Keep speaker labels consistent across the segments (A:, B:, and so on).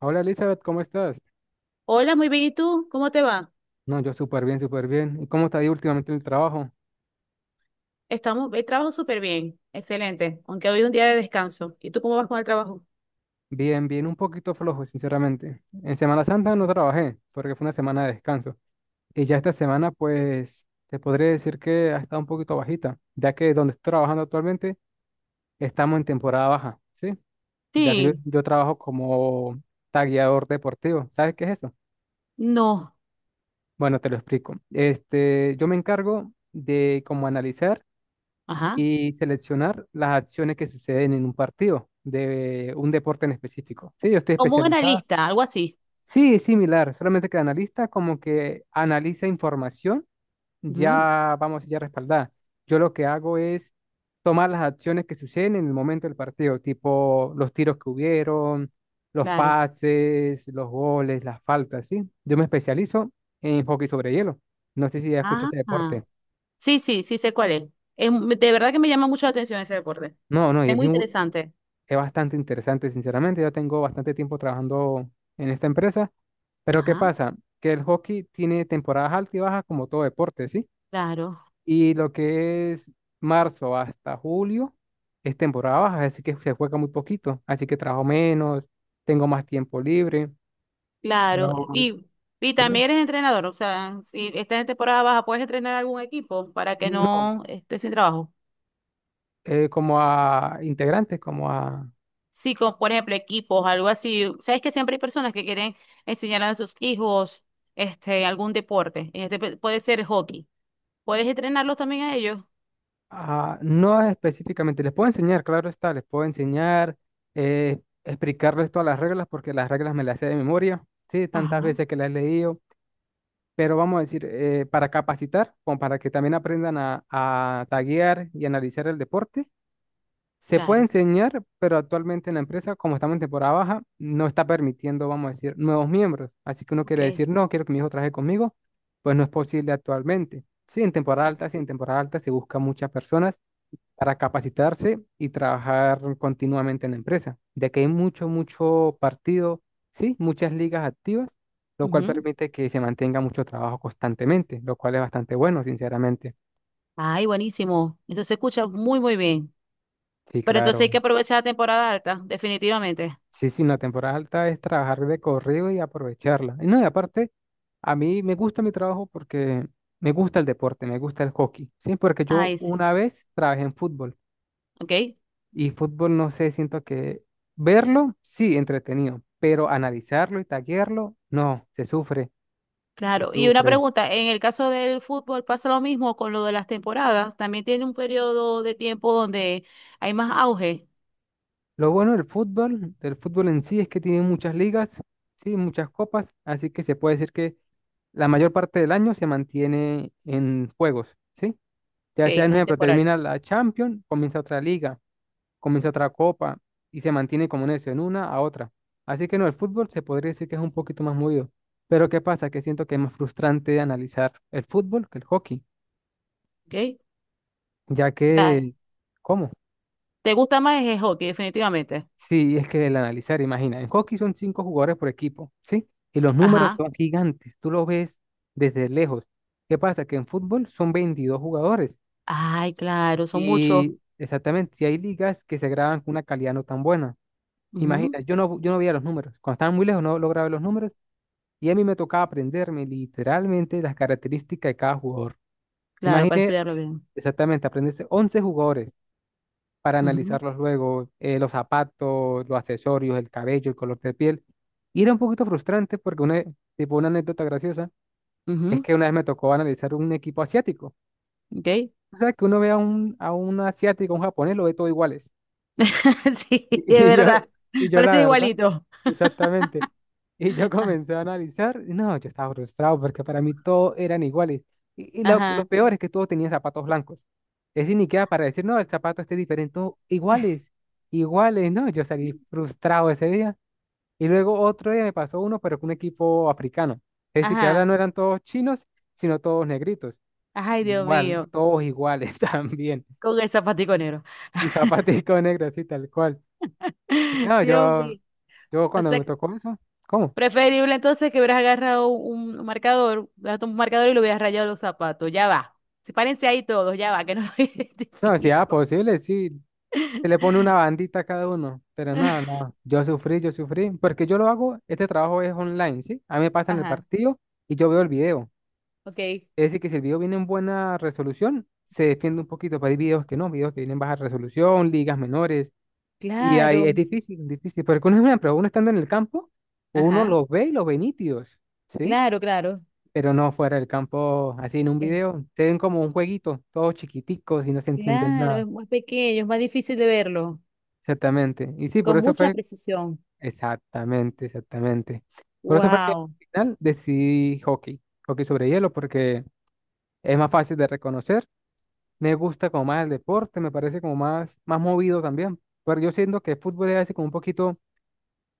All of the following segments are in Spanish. A: Hola Elizabeth, ¿cómo estás?
B: Hola, muy bien. ¿Y tú? ¿Cómo te va?
A: No, yo súper bien, súper bien. ¿Y cómo te ha ido últimamente en el trabajo?
B: Estamos, el trabajo súper bien. Excelente. Aunque hoy es un día de descanso. ¿Y tú cómo vas con el trabajo?
A: Bien, bien, un poquito flojo, sinceramente. En Semana Santa no trabajé porque fue una semana de descanso. Y ya esta semana, pues, te podría decir que ha estado un poquito bajita, ya que donde estoy trabajando actualmente estamos en temporada baja, ¿sí? Ya que yo,
B: Sí,
A: yo trabajo como tagueador deportivo. ¿Sabes qué es eso?
B: no,
A: Bueno, te lo explico. Yo me encargo de como analizar
B: ajá,
A: y seleccionar las acciones que suceden en un partido de un deporte en específico. Sí, yo estoy
B: como un
A: especializada.
B: analista, algo así.
A: Sí, es similar, solamente que analista como que analiza información
B: Ujú,
A: ya, vamos, ya respaldada. Yo lo que hago es tomar las acciones que suceden en el momento del partido, tipo los tiros que hubieron, los
B: claro.
A: pases, los goles, las faltas, ¿sí? Yo me especializo en hockey sobre hielo. No sé si ya escuchas
B: Ah,
A: ese
B: ah,
A: deporte.
B: sí, sí, sí sé cuál es. De verdad que me llama mucho la atención ese deporte.
A: No, no, y
B: Es
A: es
B: muy
A: bien,
B: interesante.
A: Es bastante interesante, sinceramente. Ya tengo bastante tiempo trabajando en esta empresa. Pero ¿qué
B: Ajá,
A: pasa? Que el hockey tiene temporadas altas y bajas como todo deporte, ¿sí?
B: claro,
A: Y lo que es marzo hasta julio es temporada baja, así que se juega muy poquito. Así que trabajo menos, tengo más tiempo libre.
B: claro.
A: Pero,
B: Y
A: dime,
B: también eres entrenador, o sea, si estás en temporada baja, ¿puedes entrenar algún equipo para que
A: no,
B: no estés sin trabajo?
A: como a integrantes, como a.
B: Sí, como por ejemplo equipos, algo así. Sabes que siempre hay personas que quieren enseñar a sus hijos este algún deporte. En puede ser hockey. ¿Puedes entrenarlos también a ellos?
A: Ah, no específicamente, les puedo enseñar, claro está, les puedo enseñar, explicarles todas las reglas, porque las reglas me las sé de memoria, sí, tantas
B: Ajá.
A: veces que las he leído, pero vamos a decir, para capacitar, como para que también aprendan a taguear y analizar el deporte, se puede
B: Claro,
A: enseñar, pero actualmente en la empresa, como estamos en temporada baja, no está permitiendo, vamos a decir, nuevos miembros, así que uno
B: ok,
A: quiere decir, no, quiero que mi hijo trabaje conmigo, pues no es posible actualmente. Sí, en temporada
B: claro.
A: alta, sí, en temporada alta se busca muchas personas para capacitarse y trabajar continuamente en la empresa, ya que hay mucho, mucho partido, sí, muchas ligas activas, lo cual
B: Ujú.
A: permite que se mantenga mucho trabajo constantemente, lo cual es bastante bueno, sinceramente.
B: Ay, buenísimo. Eso se escucha muy, muy bien.
A: Sí,
B: Pero entonces hay
A: claro.
B: que aprovechar la temporada alta, definitivamente.
A: Sí, sí, la temporada alta es trabajar de corrido y aprovecharla. Y no, y aparte, a mí me gusta mi trabajo porque me gusta el deporte, me gusta el hockey, sí, porque yo
B: Ay, sí.
A: una vez trabajé en fútbol.
B: Ok,
A: Y fútbol, no sé, siento que verlo, sí, entretenido, pero analizarlo y taguearlo, no, se sufre, se
B: claro. Y una
A: sufre.
B: pregunta, en el caso del fútbol pasa lo mismo con lo de las temporadas. También tiene un periodo de tiempo donde hay más auge.
A: Lo bueno del fútbol en sí, es que tiene muchas ligas, sí, muchas copas, así que se puede decir que la mayor parte del año se mantiene en juegos, ¿sí?
B: Ok,
A: Ya sea, por
B: en la
A: ejemplo,
B: temporal.
A: termina la Champions, comienza otra liga, comienza otra copa y se mantiene como en eso, en una a otra. Así que no, el fútbol se podría decir que es un poquito más movido. Pero ¿qué pasa? Que siento que es más frustrante de analizar el fútbol que el hockey,
B: Ok.
A: ya
B: Claro.
A: que, ¿cómo?
B: ¿Te gusta más el hockey, definitivamente?
A: Sí, es que el analizar, imagina, en hockey son cinco jugadores por equipo, ¿sí? Y los números
B: Ajá.
A: son gigantes, tú los ves desde lejos. ¿Qué pasa? Que en fútbol son 22 jugadores
B: Ay, claro, son muchos.
A: y exactamente, si hay ligas que se graban con una calidad no tan buena.
B: Ujú,
A: Imagina, yo no veía los números. Cuando estaban muy lejos no lograba ver los números y a mí me tocaba aprenderme literalmente las características de cada jugador.
B: claro, para
A: Imagine
B: estudiarlo bien.
A: exactamente aprenderse 11 jugadores para
B: Ujú,
A: analizarlos luego, los zapatos, los accesorios, el cabello, el color de piel. Y era un poquito frustrante porque una anécdota graciosa es
B: ujú,
A: que una vez me tocó analizar un equipo asiático.
B: ok.
A: O sea, que uno ve a un asiático, a un japonés, lo ve todo iguales.
B: Sí,
A: Y
B: es
A: y yo,
B: verdad.
A: y yo la
B: Parece
A: verdad,
B: igualito.
A: exactamente. Y yo comencé a analizar, y no, yo estaba frustrado porque para mí todos eran iguales. Y, y lo, que-
B: Ajá,
A: lo peor es que todos tenían zapatos blancos. Es decir, ni queda para decir, no, el zapato este es diferente, todos iguales, iguales, ¿no? Yo salí frustrado ese día. Y luego otro día me pasó uno, pero con un equipo africano. Es decir, que ahora
B: ajá.
A: no eran todos chinos, sino todos negritos.
B: Ay, Dios
A: Igual,
B: mío.
A: todos iguales también.
B: Con el zapatico negro.
A: Y zapatico negro, así tal cual. Y no,
B: Dios
A: yo
B: mío.
A: Yo
B: O
A: cuando
B: sea,
A: me
B: que-
A: tocó eso, ¿cómo?
B: Preferible entonces que hubieras agarrado un marcador, agarraste un marcador y lo hubieras rayado los zapatos. Ya va. Sepárense ahí todos, ya va, que no lo
A: No, si era
B: identifico.
A: posible, sí. Se le pone una bandita a cada uno, pero nada, nada. Yo sufrí, porque yo lo hago, este trabajo es online, ¿sí? A mí me pasan el
B: Ajá,
A: partido y yo veo el video.
B: ok.
A: Es decir, que si el video viene en buena resolución, se defiende un poquito, pero hay videos que no, videos que vienen en baja resolución, ligas menores, y ahí es
B: Claro.
A: difícil, difícil, porque uno, pero uno estando en el campo, uno
B: Ajá,
A: los ve y los ve nítidos, ¿sí?
B: claro, claro.
A: Pero no fuera del campo, así en un
B: Es,
A: video, te ven como un jueguito, todos chiquiticos y no se entienden
B: claro,
A: nada.
B: es muy pequeño, es más difícil de verlo,
A: Exactamente. Y sí, por
B: con
A: eso
B: mucha
A: fue,
B: precisión.
A: exactamente, exactamente. Por eso fue que al
B: Wow.
A: final decidí hockey, hockey sobre hielo, porque es más fácil de reconocer, me gusta como más el deporte, me parece como más, más movido también, pero yo siento que el fútbol es así como un poquito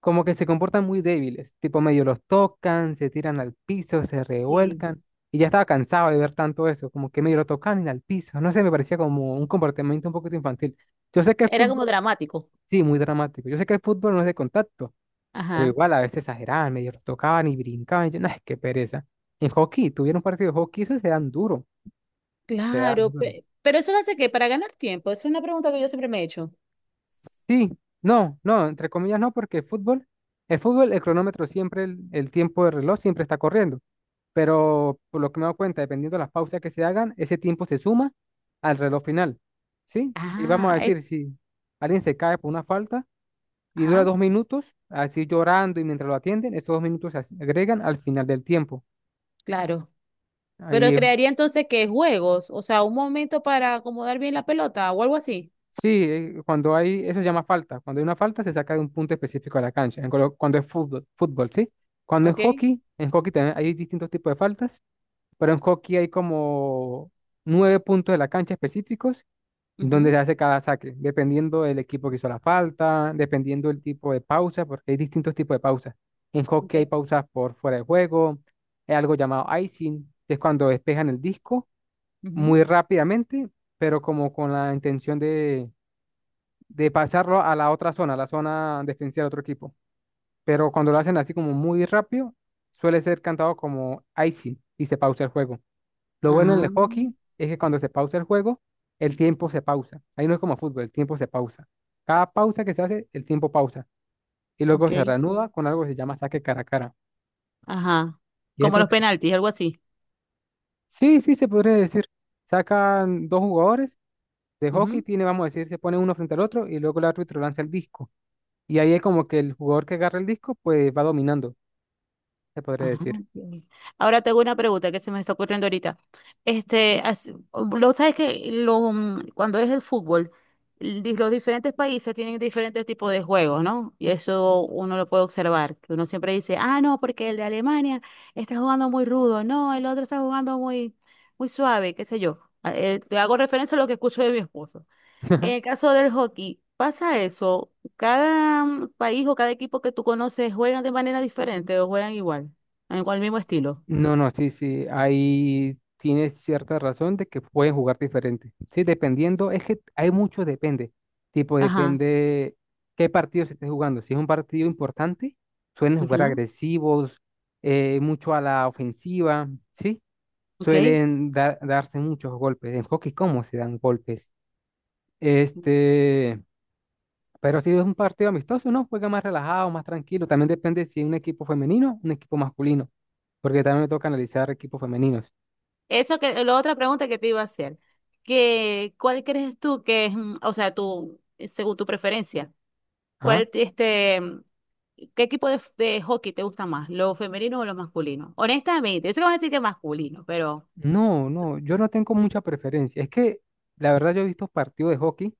A: como que se comportan muy débiles, tipo medio los tocan, se tiran al piso, se
B: Sí.
A: revuelcan. Y ya estaba cansado de ver tanto eso, como que medio lo tocan y al piso. No sé, me parecía como un comportamiento un poquito infantil. Yo sé que el
B: Era
A: fútbol,
B: como dramático.
A: sí, muy dramático. Yo sé que el fútbol no es de contacto, pero
B: Ajá,
A: igual a veces exageraban, medio los tocaban y brincaban. Y yo, no, es que pereza. En hockey, tuvieron un partido de hockey, eso se dan duro. Se dan
B: claro.
A: duro.
B: Pero eso lo hace que para ganar tiempo, es una pregunta que yo siempre me he hecho.
A: Sí, no, no, entre comillas no, porque el fútbol, el fútbol, el cronómetro siempre, el tiempo de reloj siempre está corriendo. Pero por lo que me he dado cuenta, dependiendo de las pausas que se hagan, ese tiempo se suma al reloj final, ¿sí? Y vamos a
B: Ah, es-
A: decir, si alguien se cae por una falta y dura
B: ajá,
A: 2 minutos, así llorando y mientras lo atienden, estos 2 minutos agregan al final del tiempo.
B: claro. Pero
A: Ahí,
B: crearía entonces que juegos, o sea, un momento para acomodar bien la pelota o algo así.
A: sí, cuando hay, eso se llama falta. Cuando hay una falta, se saca de un punto específico de la cancha, cuando es fútbol, fútbol, ¿sí? Cuando es
B: Ok.
A: hockey, en hockey también hay distintos tipos de faltas, pero en hockey hay como nueve puntos de la cancha específicos donde se
B: Ujú.
A: hace cada saque, dependiendo del equipo que hizo la falta, dependiendo del tipo de pausa, porque hay distintos tipos de pausas. En hockey hay
B: Ok,
A: pausas por fuera de juego, hay algo llamado icing, que es cuando despejan el disco
B: ujú.
A: muy rápidamente, pero como con la intención de pasarlo a la otra zona, a la zona defensiva del otro equipo. Pero cuando lo hacen así como muy rápido, suele ser cantado como icing y se pausa el juego. Lo bueno en
B: Ah,
A: el hockey es que cuando se pausa el juego, el tiempo se pausa. Ahí no es como fútbol, el tiempo se pausa. Cada pausa que se hace, el tiempo pausa. Y luego
B: ok.
A: se reanuda con algo que se llama saque cara a cara.
B: Ajá.
A: Y es
B: Como los
A: entretenido.
B: penaltis, algo así.
A: Sí, sí, se podría decir. Sacan dos jugadores de hockey, tiene, vamos a decir, se pone uno frente al otro y luego el árbitro lanza el disco. Y ahí es como que el jugador que agarra el disco, pues va dominando, se podría
B: Ajá,
A: decir.
B: ok. Ahora tengo una pregunta que se me está ocurriendo ahorita. Este, as- lo sabes que cuando es el fútbol, los diferentes países tienen diferentes tipos de juegos, ¿no? Y eso uno lo puede observar, que uno siempre dice, ah, no, porque el de Alemania está jugando muy rudo, no, el otro está jugando muy, muy suave, qué sé yo. Ah, te hago referencia a lo que escucho de mi esposo. En el caso del hockey, ¿pasa eso? ¿Cada país o cada equipo que tú conoces juegan de manera diferente o juegan igual? Con el mismo estilo.
A: No, no, sí, sí, ahí tienes cierta razón de que pueden jugar diferente. Sí, dependiendo, es que hay mucho depende. Tipo,
B: Ajá.
A: depende qué partido se esté jugando. Si es un partido importante, suelen jugar
B: Ujú,
A: agresivos, mucho a la ofensiva, ¿sí?
B: ok.
A: Suelen darse muchos golpes. En hockey, ¿cómo se dan golpes? Este, pero si es un partido amistoso, no, juega más relajado, más tranquilo. También depende si es un equipo femenino, un equipo masculino porque también me toca analizar equipos femeninos.
B: Eso que, la otra pregunta que te iba a hacer, que, ¿cuál crees tú que es, o sea, tú, según tu preferencia,
A: Ah,
B: cuál, qué equipo de, de hockey te gusta más, lo femenino o lo masculino? Honestamente, eso que vas a decir que es masculino, pero,
A: no, no, yo no tengo mucha preferencia. Es que la verdad yo he visto partidos de hockey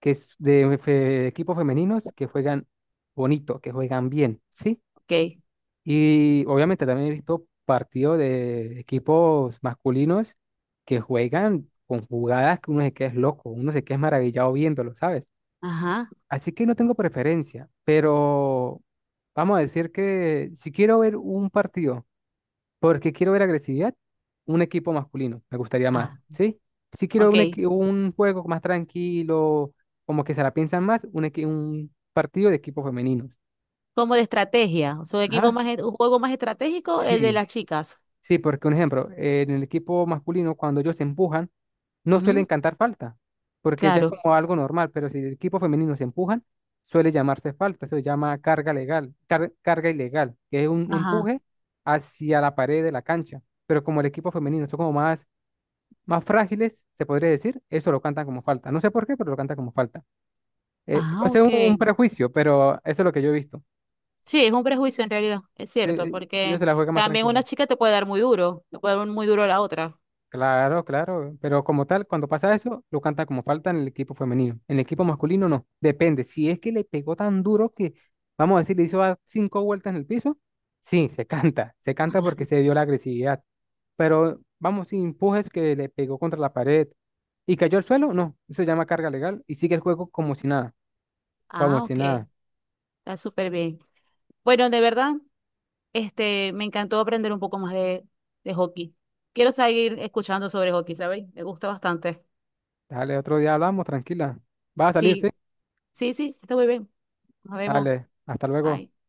A: que es equipos femeninos que juegan bonito, que juegan bien, ¿sí?
B: ok.
A: Y obviamente también he visto partidos de equipos masculinos que juegan con jugadas que uno se queda es loco, uno se queda es maravillado viéndolo, ¿sabes?
B: Ajá.
A: Así que no tengo preferencia, pero vamos a decir que si quiero ver un partido. Porque quiero ver agresividad, un equipo masculino, me gustaría más,
B: Ah,
A: ¿sí? Si quiero
B: ok.
A: un juego más tranquilo, como que se la piensan más, un partido de equipos femeninos.
B: Como de estrategia, o sea, un equipo
A: Ajá,
B: más, un juego más estratégico, el de
A: sí,
B: las chicas.
A: sí, porque un ejemplo, en el equipo masculino, cuando ellos se empujan, no suelen
B: Ujú,
A: cantar falta, porque ya es
B: claro.
A: como algo normal, pero si el equipo femenino se empujan, suele llamarse falta, eso se llama carga legal, carga ilegal, que es un
B: Ajá.
A: empuje hacia la pared de la cancha, pero como el equipo femenino, son como más más frágiles, se podría decir, eso lo cantan como falta. No sé por qué, pero lo cantan como falta. Eh,
B: Ah,
A: puede ser
B: ok.
A: un prejuicio, pero eso es lo que yo he visto.
B: Sí, es un prejuicio en realidad, es cierto,
A: Eh, ellos
B: porque
A: se la juegan más
B: también
A: tranquilo.
B: una chica te puede dar muy duro, te puede dar un muy duro a la otra.
A: Claro, claro, pero como tal, cuando pasa eso, lo canta como falta en el equipo femenino. En el equipo masculino no, depende. Si es que le pegó tan duro que, vamos a decir, le hizo dar cinco vueltas en el piso, sí, se canta porque se dio la agresividad. Pero vamos, si empujes que le pegó contra la pared y cayó al suelo, no, eso se llama carga legal y sigue el juego como si nada. Como
B: Ah,
A: si
B: ok.
A: nada.
B: Está súper bien. Bueno, de verdad, me encantó aprender un poco más de hockey. Quiero seguir escuchando sobre hockey, ¿sabéis? Me gusta bastante.
A: Dale, otro día hablamos, tranquila. Va a salir, ¿sí?
B: Sí, sí, sí, está muy bien. Nos vemos.
A: Dale, hasta luego.
B: Bye.